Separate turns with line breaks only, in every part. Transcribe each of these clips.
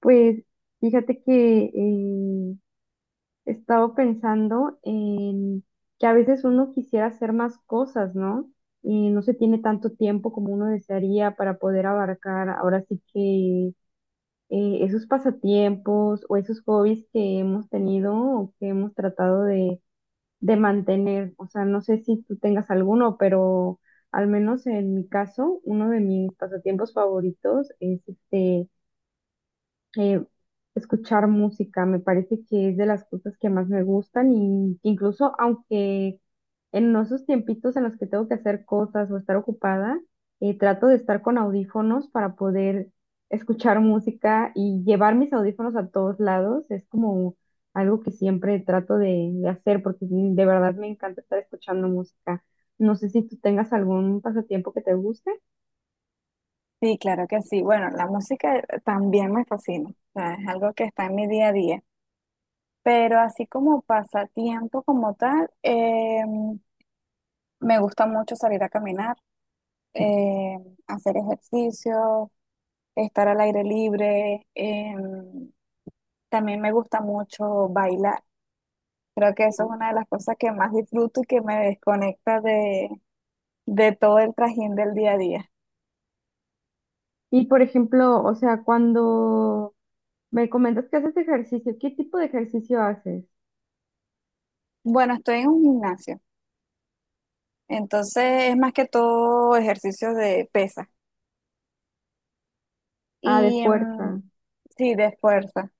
Pues fíjate que he estado pensando en que a veces uno quisiera hacer más cosas, ¿no? Y no se tiene tanto tiempo como uno desearía para poder abarcar ahora sí que esos pasatiempos o esos hobbies que hemos tenido o que hemos tratado de mantener. O sea, no sé si tú tengas alguno, pero al menos en mi caso, uno de mis pasatiempos favoritos es eh, escuchar música. Me parece que es de las cosas que más me gustan y que incluso aunque en esos tiempitos en los que tengo que hacer cosas o estar ocupada, trato de estar con audífonos para poder escuchar música y llevar mis audífonos a todos lados. Es como algo que siempre trato de hacer porque de verdad me encanta estar escuchando música. No sé si tú tengas algún pasatiempo que te guste.
Sí, claro que sí. Bueno, la música también me fascina, o sea, es algo que está en mi día a día, pero así como pasatiempo como tal, me gusta mucho salir a caminar, eh, hacer ejercicio, estar al aire libre, también me gusta mucho bailar. Creo que eso
¿No?
es una de las cosas que más disfruto y que me desconecta de todo el trajín del día a día.
Y por ejemplo, o sea, cuando me comentas que haces ejercicio. ¿Qué tipo de ejercicio haces?
Bueno, estoy en un gimnasio, entonces es más que todo ejercicios de pesas.
Ah, de
Y mm,
fuerza.
sí, de fuerza.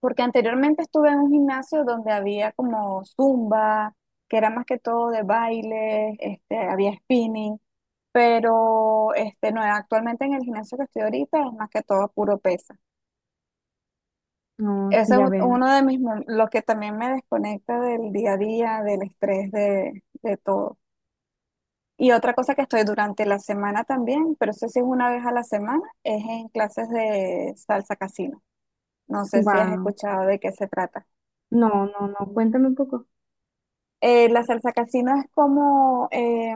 Porque anteriormente estuve en un gimnasio donde había como zumba, que era más que todo de baile, este, había spinning, pero este, no, actualmente en el gimnasio que estoy ahorita es más que todo puro pesa.
No, sí,
Ese es
ya veo.
uno de mis, lo que también me desconecta del día a día, del estrés, de todo. Y otra cosa que estoy durante la semana también, pero eso sí es una vez a la semana, es en clases de salsa casino. No sé si has
Wow.
escuchado de qué se trata.
No, no, no. Cuéntame un poco.
La salsa casino es como,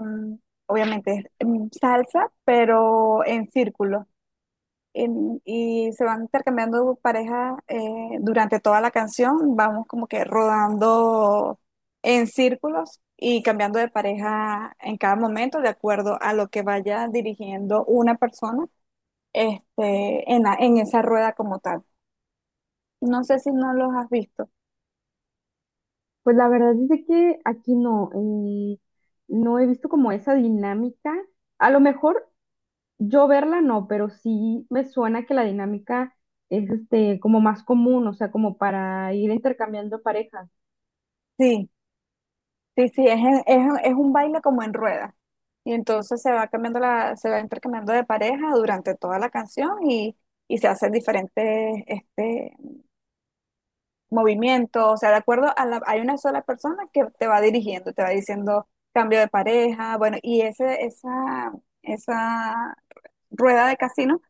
obviamente, es salsa, pero en círculo. Y se van intercambiando parejas durante toda la canción. Vamos como que rodando en círculos y cambiando de pareja en cada momento de acuerdo a lo que vaya dirigiendo una persona este, en esa rueda como tal. No sé si no los has visto.
Pues la verdad es de que aquí no, no he visto como esa dinámica. A lo mejor yo verla no, pero sí me suena que la dinámica es este como más común, o sea, como para ir intercambiando parejas.
Sí. Sí, sí, es un baile como en rueda. Y entonces se va cambiando se va intercambiando de pareja durante toda la canción y se hacen diferentes este, movimientos. O sea, de acuerdo a hay una sola persona que te va dirigiendo, te va diciendo cambio de pareja, bueno, esa rueda de casino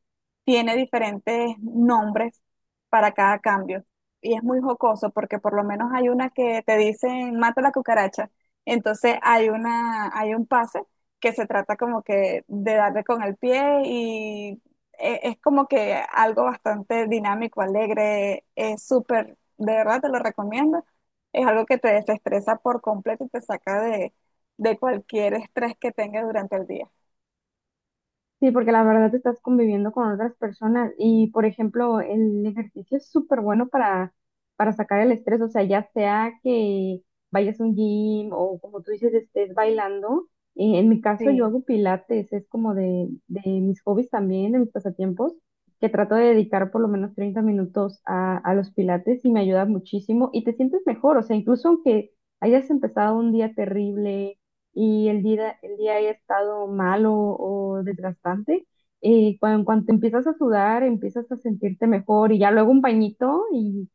tiene diferentes nombres para cada cambio. Y es muy jocoso porque por lo menos hay una que te dicen mata la cucaracha. Entonces hay un pase que se trata como que de darle con el pie y es como que algo bastante dinámico, alegre, es súper, de verdad te lo recomiendo. Es algo que te desestresa por completo y te saca de cualquier estrés que tengas durante el día.
Sí, porque la verdad te estás conviviendo con otras personas y, por ejemplo, el ejercicio es súper bueno para sacar el estrés, o sea, ya sea que vayas a un gym o como tú dices, estés bailando. En mi caso, yo
Sí.
hago pilates, es como de mis hobbies también, de mis pasatiempos, que trato de dedicar por lo menos 30 minutos a los pilates y me ayuda muchísimo y te sientes mejor, o sea, incluso aunque hayas empezado un día terrible y el día haya estado malo o desgastante, cuando en empiezas a sudar, empiezas a sentirte mejor y ya luego un bañito y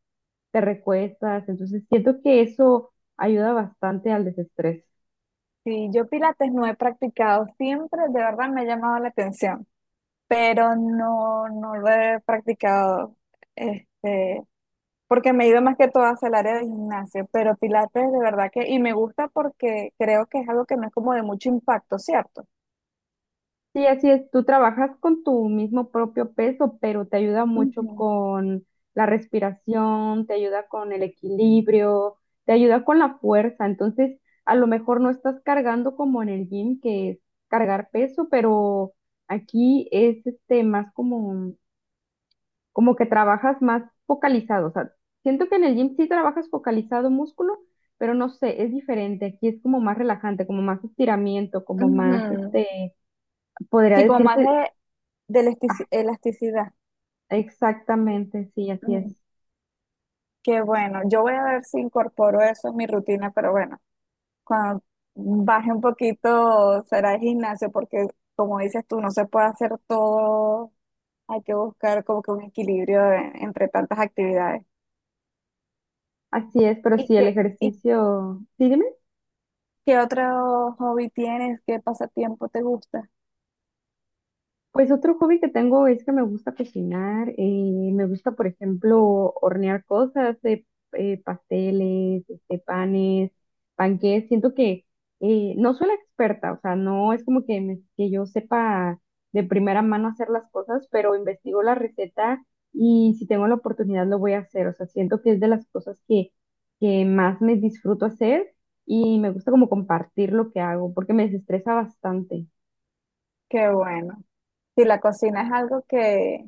te recuestas. Entonces siento que eso ayuda bastante al desestrés.
Sí, yo pilates no he practicado siempre, de verdad me ha llamado la atención, pero no, no lo he practicado, este, porque me he ido más que todo hacia el área de gimnasio, pero pilates de verdad que, y me gusta porque creo que es algo que no es como de mucho impacto, ¿cierto?
Sí, así es. Tú trabajas con tu mismo propio peso, pero te ayuda mucho
Ujú,
con la respiración, te ayuda con el equilibrio, te ayuda con la fuerza. Entonces, a lo mejor no estás cargando como en el gym, que es cargar peso, pero aquí es este más como, como que trabajas más focalizado. O sea, siento que en el gym sí trabajas focalizado músculo, pero no sé, es diferente. Aquí es como más relajante, como más estiramiento, como más
ujú.
este, podría
Sí, como más
decirse.
de elasticidad.
Exactamente, sí, así es.
Mm, Qué bueno, yo voy a ver si incorporo eso en mi rutina, pero bueno. Cuando baje un poquito será el gimnasio, porque como dices tú, no se puede hacer todo. Hay que buscar como que un equilibrio entre tantas actividades.
Así es, pero sí, el
Y
ejercicio, sí, dime.
qué otro hobby tienes? ¿Qué pasatiempo te gusta?
Pues otro hobby que tengo es que me gusta cocinar, me gusta, por ejemplo, hornear cosas, pasteles, este, panes, panqués. Siento que no soy la experta, o sea, no es como que, que yo sepa de primera mano hacer las cosas, pero investigo la receta y si tengo la oportunidad lo voy a hacer. O sea, siento que es de las cosas que más me disfruto hacer y me gusta como compartir lo que hago porque me desestresa bastante.
Qué bueno. Si la cocina es algo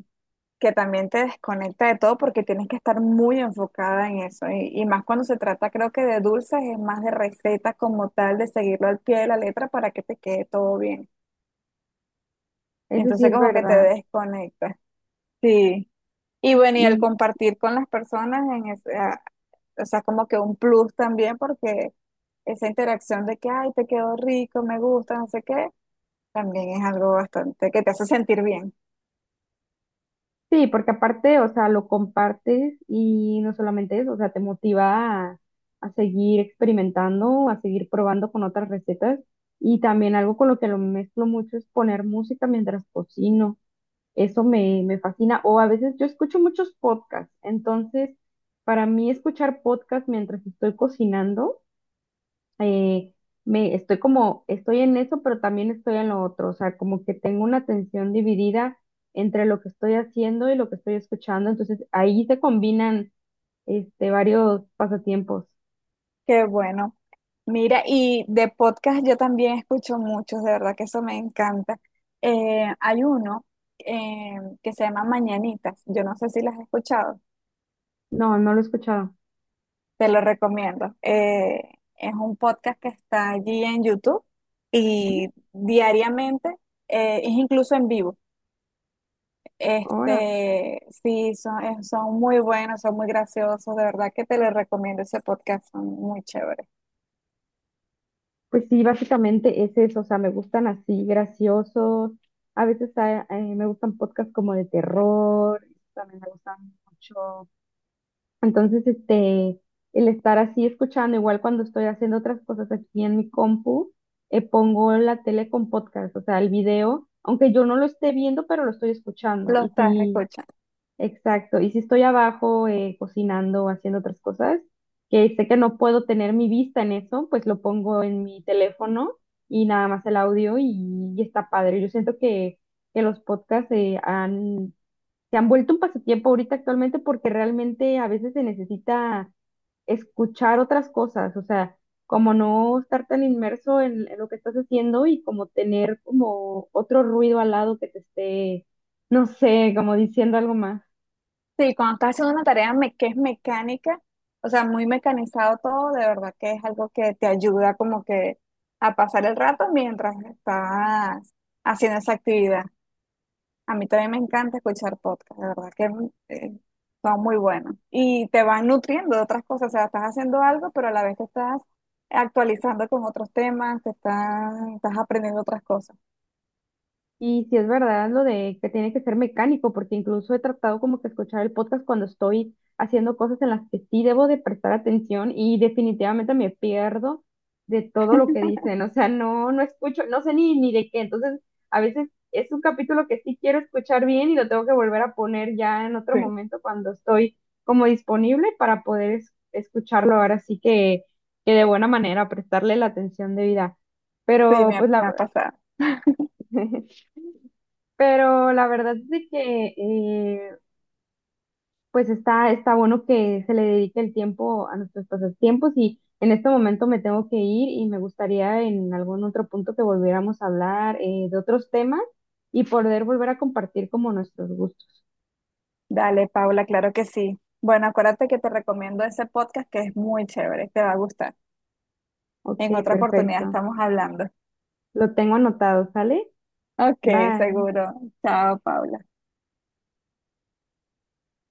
que también te desconecta de todo porque tienes que estar muy enfocada en eso. Y más cuando se trata, creo que de dulces, es más de recetas como tal, de seguirlo al pie de la letra para que te quede todo bien.
Eso sí
Entonces
es
como que te
verdad.
desconectas. Sí. Y bueno, y el compartir con las personas en o sea, como que un plus también porque esa interacción de que, ay, te quedó rico, me gusta, no sé qué, también es algo bastante que te hace sentir bien.
Sí, porque aparte, o sea, lo compartes y no solamente eso, o sea, te motiva a seguir experimentando, a seguir probando con otras recetas y también algo con lo que lo mezclo mucho es poner música mientras cocino. Me fascina. O a veces yo escucho muchos podcasts, entonces para mí escuchar podcasts mientras estoy cocinando eh, me estoy como, estoy en eso, pero también estoy en lo otro, o sea, como que tengo una atención dividida entre lo que estoy haciendo y lo que estoy escuchando, entonces ahí se combinan este varios pasatiempos.
Qué bueno. Mira, y de podcast yo también escucho muchos, de verdad que eso me encanta. Hay uno eh, que se llama Mañanitas, yo no sé si las has escuchado.
No, no lo he escuchado.
Te lo recomiendo. Es un podcast que está allí en YouTube y diariamente es incluso en vivo.
Ahora,
Este, sí, son muy buenos, son muy graciosos. De verdad que te lo recomiendo ese podcast, son muy chéveres.
pues sí, básicamente es eso, o sea, me gustan así, graciosos, a veces me gustan podcasts como de terror, también me gustan mucho. Entonces, este, el estar así escuchando, igual cuando estoy haciendo otras cosas aquí en mi compu, pongo la tele con podcast, o sea, el video, aunque yo no lo esté viendo, pero lo estoy escuchando.
Lo
Y
estás
sí,
escuchando.
exacto. Y si estoy abajo cocinando, o haciendo otras cosas, que sé que no puedo tener mi vista en eso, pues lo pongo en mi teléfono y nada más el audio y está padre. Yo siento que los podcasts han se han vuelto un pasatiempo ahorita actualmente porque realmente a veces se necesita escuchar otras cosas, o sea, como no estar tan inmerso en lo que estás haciendo y como tener como otro ruido al lado que te esté, no sé, como diciendo algo más.
Sí, cuando estás haciendo una tarea que es mecánica, o sea, muy mecanizado todo, de verdad que es algo que te ayuda como que a pasar el rato mientras estás haciendo esa actividad. A mí también me encanta escuchar podcast, de verdad que eh, son muy buenos. Y te van nutriendo de otras cosas, o sea, estás haciendo algo, pero a la vez te estás actualizando con otros temas, estás aprendiendo otras cosas.
Y si es verdad lo de que tiene que ser mecánico, porque incluso he tratado como que escuchar el podcast cuando estoy haciendo cosas en las que sí debo de prestar atención y definitivamente me pierdo de todo lo que dicen. O sea, no escucho, no sé ni de qué. Entonces, a veces es un capítulo que sí quiero escuchar bien y lo tengo que volver a poner ya en otro
Sí,
momento cuando estoy como disponible para poder escucharlo ahora sí que de buena manera, prestarle la atención debida.
sí,
Pero pues
me
la...
ha pasado.
Pero la verdad es de que pues está bueno que se le dedique el tiempo a nuestros pasatiempos y en este momento me tengo que ir y me gustaría en algún otro punto que volviéramos a hablar de otros temas y poder volver a compartir como nuestros gustos.
Dale, Paula, claro que sí. Bueno, acuérdate que te recomiendo ese podcast que es muy chévere, te va a gustar.
Ok,
En otra oportunidad
perfecto.
estamos hablando.
Lo tengo anotado, ¿sale?
Ok,
Bye.
seguro. Chao, Paula.